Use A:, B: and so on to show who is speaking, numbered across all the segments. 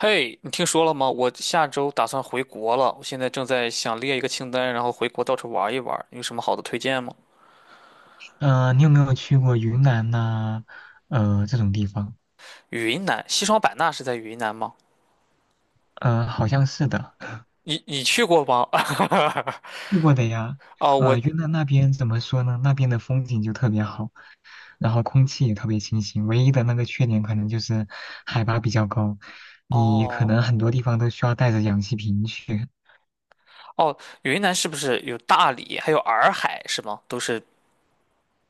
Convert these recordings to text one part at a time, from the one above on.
A: 嘿，你听说了吗？我下周打算回国了，我现在正在想列一个清单，然后回国到处玩一玩。有什么好的推荐吗？
B: 你有没有去过云南呐、这种地方？
A: 云南，西双版纳是在云南吗？
B: 好像是的，
A: 你去过吗？
B: 去过的呀。
A: 哦，
B: 云南那边怎么说呢？那边的风景就特别好，然后空气也特别清新。唯一的那个缺点可能就是海拔比较高，你可
A: 哦
B: 能很多地方都需要带着氧气瓶去。
A: 哦，云南是不是有大理，还有洱海是吗？都是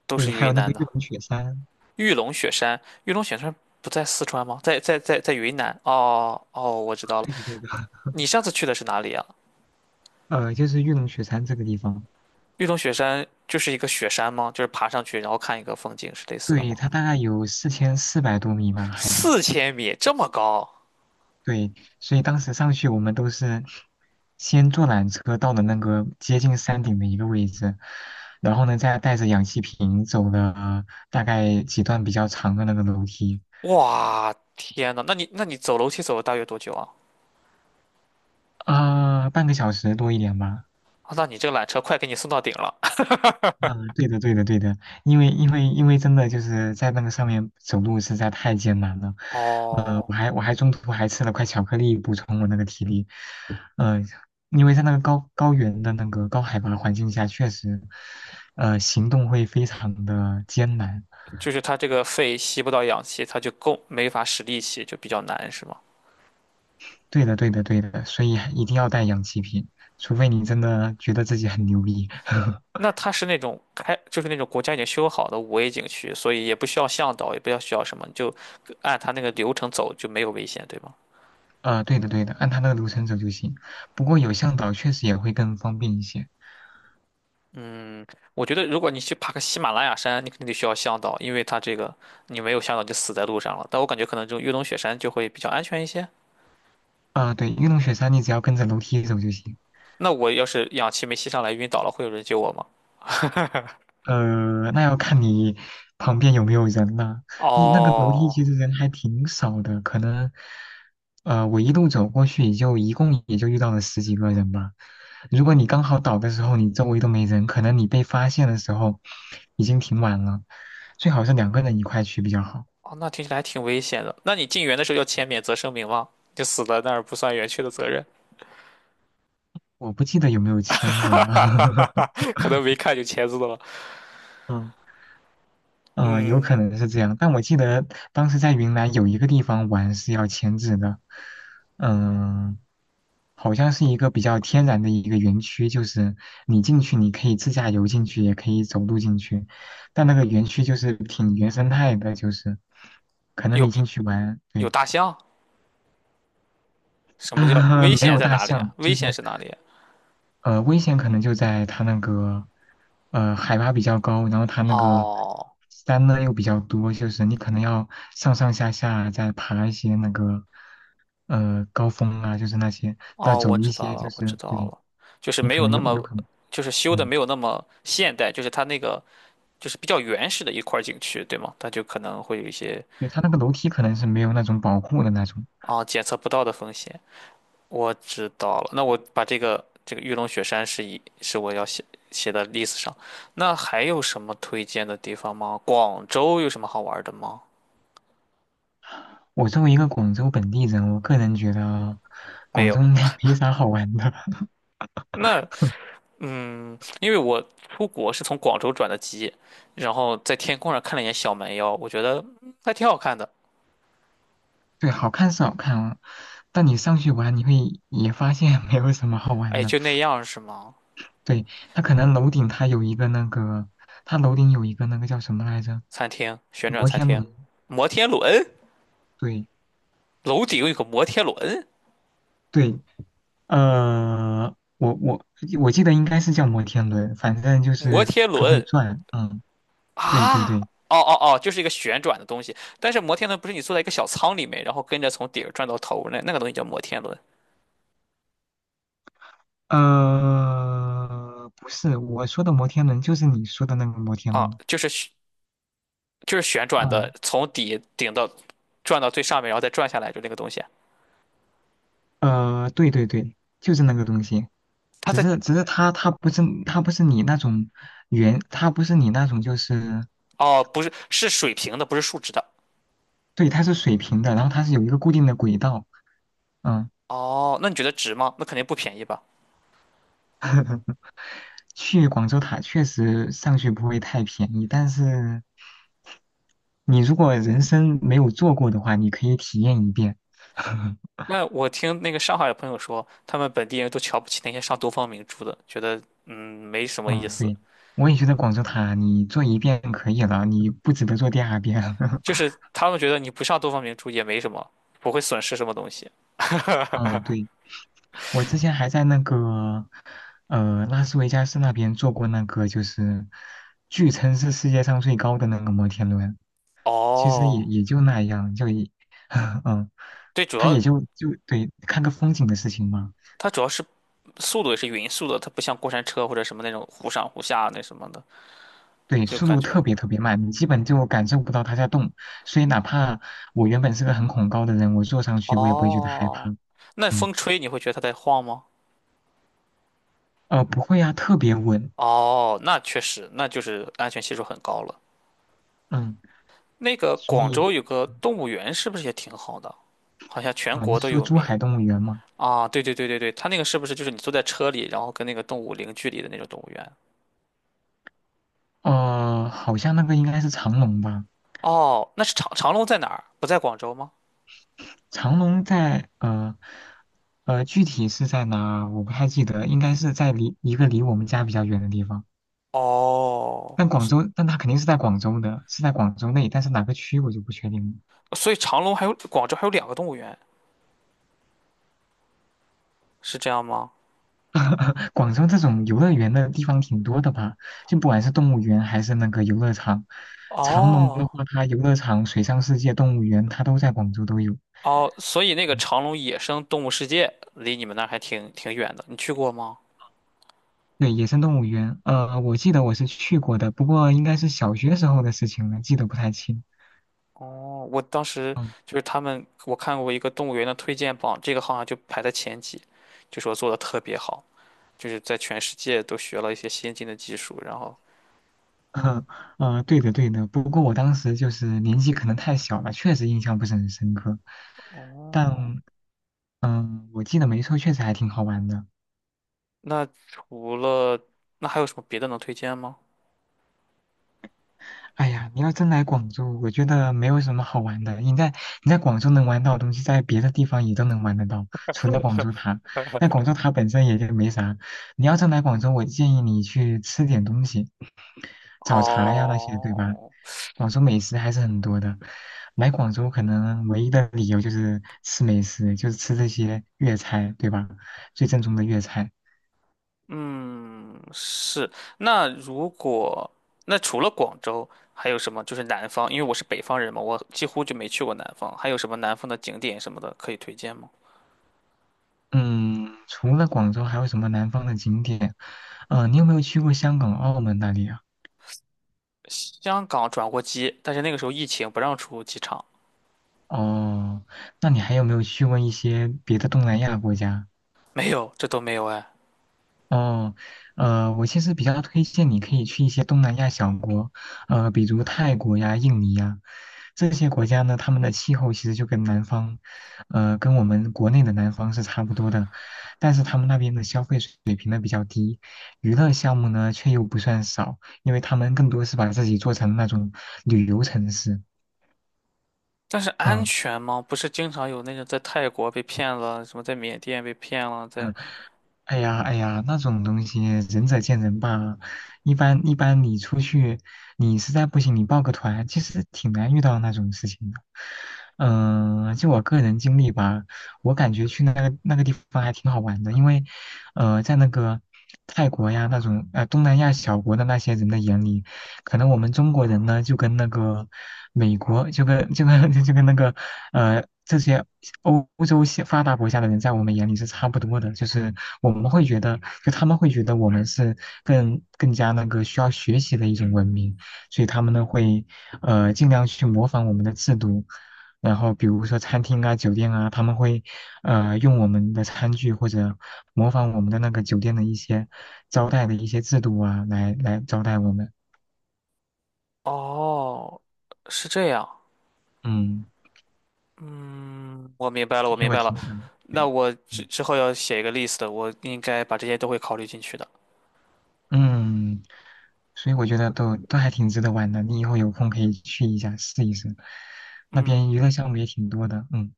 A: 都
B: 对，
A: 是
B: 还
A: 云
B: 有那个
A: 南
B: 玉
A: 的。
B: 龙雪山，
A: 玉龙雪山不在四川吗？在云南。哦哦，我知道了。
B: 对的对的，
A: 你上次去的是哪里啊？
B: 就是玉龙雪山这个地方，
A: 玉龙雪山就是一个雪山吗？就是爬上去然后看一个风景是类似的
B: 对，
A: 吗？
B: 它大概有四千四百多米吧，海拔。
A: 4000米这么高，
B: 对，所以当时上去我们都是先坐缆车到了那个接近山顶的一个位置，然后呢再带着氧气瓶走了大概几段比较长的那个楼梯，
A: 哇，天呐，那你走楼梯走了大约多久啊？
B: 啊、半个小时多一点吧。
A: 啊那你这个缆车快给你送到顶了。
B: 嗯，对的，对的，对的，因为真的就是在那个上面走路实在太艰难了，
A: 哦，
B: 我还中途还吃了块巧克力补充我那个体力，呃，因为在那个高高原的那个高海拔环境下，确实，行动会非常的艰难。
A: 就是它这个肺吸不到氧气，它就够没法使力气，就比较难，是吗？
B: 对的，对的，对的，所以一定要带氧气瓶，除非你真的觉得自己很牛逼。
A: 那它是那种开，就是那种国家已经修好的5A 景区，所以也不需要向导，也不要需要什么，你就按它那个流程走就没有危险，对吗？
B: 对的，对的，按他那个流程走就行。不过有向导确实也会更方便一些。
A: 我觉得如果你去爬个喜马拉雅山，你肯定得需要向导，因为它这个你没有向导就死在路上了。但我感觉可能这种越冬雪山就会比较安全一些。
B: 啊，对，玉龙雪山你只要跟着楼梯走就行。
A: 那我要是氧气没吸上来晕倒了，会有人救我吗？
B: 那要看你旁边有没有人了、你那个楼梯
A: 哦，
B: 其实人还挺少的，可能，我一路走过去也就一共也就遇到了十几个人吧。如果你刚好倒的时候，你周围都没人，可能你被发现的时候已经挺晚了。最好是两个人一块去比较好。
A: 哦，那听起来还挺危险的。那你进园的时候要签免责声明吗？就死在那儿不算园区的责任，
B: 我不记得有没有 签过
A: 哈
B: 呢。
A: 哈哈哈哈，可能没看就签字了。
B: 嗯嗯、有可
A: 嗯，
B: 能是这样，但我记得当时在云南有一个地方玩是要签字的，嗯、好像是一个比较天然的一个园区，就是你进去你可以自驾游进去，也可以走路进去，但那个园区就是挺原生态的，就是可能
A: 有
B: 你进去玩，
A: 有
B: 对，
A: 大象？什么叫危
B: 没
A: 险
B: 有
A: 在
B: 大
A: 哪里啊？
B: 象，
A: 危
B: 就
A: 险
B: 是
A: 是哪里啊？
B: 危险可能就在它那个，海拔比较高，然后它那个
A: 哦
B: 山呢又比较多，就是你可能要上上下下再爬一些那个，高峰啊，就是那些，再
A: 哦，
B: 走
A: 我
B: 一
A: 知道
B: 些，就
A: 了，我知
B: 是
A: 道
B: 对，
A: 了，就是
B: 你
A: 没
B: 可
A: 有
B: 能
A: 那
B: 有
A: 么，
B: 有可能，
A: 就是修的
B: 嗯，
A: 没有那么现代，就是它那个就是比较原始的一块儿景区，对吗？它就可能会有一些
B: 对，它那个楼梯可能是没有那种保护的那种。
A: 啊、检测不到的风险。我知道了，那我把这个玉龙雪山是我要写的 list 上。那还有什么推荐的地方吗？广州有什么好玩的吗？
B: 我作为一个广州本地人，我个人觉得
A: 没
B: 广
A: 有。
B: 州应该 没啥好玩的。
A: 那嗯，因为我出国是从广州转的机，然后在天空上看了一眼小蛮腰，我觉得嗯还挺好看的。
B: 对，好看是好看啊，但你上去玩，你会也发现没有什么好玩
A: 哎，
B: 的。
A: 就那样是吗？
B: 对，它可能楼顶它有一个那个，它楼顶有一个那个叫什么来着？
A: 餐厅，旋转
B: 摩
A: 餐
B: 天
A: 厅，
B: 轮。
A: 摩天轮，
B: 对
A: 楼顶有个摩天轮，
B: 对，呃，我我我记得应该是叫摩天轮，反正就
A: 摩
B: 是
A: 天
B: 它会
A: 轮。
B: 转。嗯，对对
A: 啊，哦
B: 对，
A: 哦哦，就是一个旋转的东西。但是摩天轮不是你坐在一个小舱里面，然后跟着从底儿转到头那个东西叫摩天轮
B: 不是我说的摩天轮，就是你说的那个摩天
A: 啊，
B: 轮。
A: 就是旋转的，
B: 嗯，
A: 从底顶到转到最上面，然后再转下来，就那个东西啊。
B: 对对对，就是那个东西。
A: 它
B: 只
A: 在
B: 是只是它不是不是你那种圆，它不是你那种就是
A: 哦，不是是水平的，不是竖直的。
B: 对，它是水平的，然后它是有一个固定的轨道。嗯，
A: 哦，那你觉得值吗？那肯定不便宜吧？
B: 去广州塔确实上去不会太便宜，但是你如果人生没有坐过的话，你可以体验一遍。
A: 那我听那个上海的朋友说，他们本地人都瞧不起那些上东方明珠的，觉得嗯没什么意
B: 嗯，
A: 思，
B: 对，我也觉得广州塔你坐一遍可以了，你不值得坐第二遍。
A: 就是他们觉得你不上东方明珠也没什么，不会损失什么东西。
B: 嗯，对，我之前还在那个拉斯维加斯那边坐过那个，就是据称是世界上最高的那个摩天轮。其实也
A: 哦，
B: 也就那样，就也，嗯，
A: 对，主
B: 他也
A: 要
B: 就就对看个风景的事情嘛。
A: 它主要是速度也是匀速的，它不像过山车或者什么那种忽上忽下那什么的，
B: 对，
A: 就
B: 速
A: 感
B: 度
A: 觉
B: 特别特别慢，你基本就感受不到它在动，所以哪怕我原本是个很恐高的人，我坐上去我也不会觉得害
A: 哦，
B: 怕。
A: 那
B: 嗯，
A: 风吹你会觉得它在晃吗？
B: 不会啊，特别稳。
A: 哦，那确实，那就是安全系数很高了。
B: 嗯，
A: 那个
B: 所
A: 广
B: 以，
A: 州有个
B: 嗯
A: 动物园，是不是也挺好的？好像全
B: 哦，你
A: 国
B: 是
A: 都
B: 说
A: 有
B: 珠
A: 名
B: 海动物园吗？
A: 啊！对对对对对，它那个是不是就是你坐在车里，然后跟那个动物零距离的那种动物园？
B: 好像那个应该是长隆吧？
A: 哦，那是长隆在哪儿？不在广州吗？
B: 长隆在具体是在哪？我不太记得，应该是在离一个离我们家比较远的地方。
A: 哦，
B: 但广州，但它肯定是在广州的，是在广州内，但是哪个区我就不确定了。
A: 所以长隆还有广州还有两个动物园，是这样吗？
B: 广州这种游乐园的地方挺多的吧？就不管是动物园还是那个游乐场，长隆的
A: 哦
B: 话，它游乐场、水上世界、动物园，它都在广州都有。
A: 哦，所以那个
B: 嗯
A: 长隆野生动物世界离你们那儿还挺远的，你去过吗？
B: 对，野生动物园，我记得我是去过的，不过应该是小学时候的事情了，记得不太清。
A: 哦，我当时
B: 嗯，
A: 就是他们，我看过一个动物园的推荐榜，这个好像就排在前几，就说做的特别好，就是在全世界都学了一些先进的技术。然后，
B: 对的对的，不过我当时就是年纪可能太小了，确实印象不是很深刻。
A: 哦，
B: 但嗯，我记得没错，确实还挺好玩的。
A: 那除了那还有什么别的能推荐吗？
B: 哎呀，你要真来广州，我觉得没有什么好玩的。你在广州能玩到的东西，在别的地方也都能玩得到，除了广州塔。那 广州塔本身也就没啥。你要真来广州，我建议你去吃点东西，早茶呀那些，对吧？
A: 哦，
B: 广州美食还是很多的。来广州可能唯一的理由就是吃美食，就是吃这些粤菜，对吧？最正宗的粤菜。
A: 嗯，是。那如果那除了广州，还有什么？就是南方，因为我是北方人嘛，我几乎就没去过南方。还有什么南方的景点什么的可以推荐吗？
B: 嗯，除了广州，还有什么南方的景点？你有没有去过香港、澳门那里啊？
A: 香港转过机，但是那个时候疫情不让出机场，
B: 哦，那你还有没有去过一些别的东南亚国家？
A: 没有，这都没有哎。
B: 哦，我其实比较推荐你可以去一些东南亚小国，比如泰国呀、印尼呀，这些国家呢，他们的气候其实就跟南方，跟我们国内的南方是差不多的，但是他们那边的消费水平呢比较低，娱乐项目呢却又不算少，因为他们更多是把自己做成那种旅游城市，
A: 但是安
B: 嗯。
A: 全吗？不是经常有那种在泰国被骗了，什么在缅甸被骗了，在……
B: 哎呀，哎呀，那种东西仁者见仁吧。一般一般，你出去，你实在不行，你报个团，其实挺难遇到那种事情的。嗯、就我个人经历吧，我感觉去那个那个地方还挺好玩的，因为，在那个泰国呀那种东南亚小国的那些人的眼里，可能我们中国人呢就跟那个美国就跟 就跟那个这些欧洲些发达国家的人在我们眼里是差不多的，就是我们会觉得，就他们会觉得我们是更加那个需要学习的一种文明，所以他们呢会尽量去模仿我们的制度，然后比如说餐厅啊、酒店啊，他们会用我们的餐具或者模仿我们的那个酒店的一些招待的一些制度啊，来招待我们，
A: 哦，是这样。
B: 嗯，
A: 嗯，我明白了，我
B: 这些
A: 明
B: 我
A: 白了。
B: 听过的，
A: 那
B: 对。
A: 我之
B: 嗯
A: 之后要写一个 list，我应该把这些都会考虑进去的。
B: 嗯，所以我觉得都还挺值得玩的，你以后有空可以去一下试一试，那
A: 嗯，
B: 边娱乐项目也挺多的。嗯，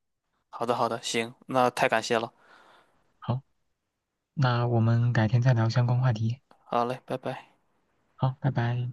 A: 好的，好的，行，那太感谢了。
B: 好，那我们改天再聊相关话题。
A: 好嘞，拜拜。
B: 好，拜拜。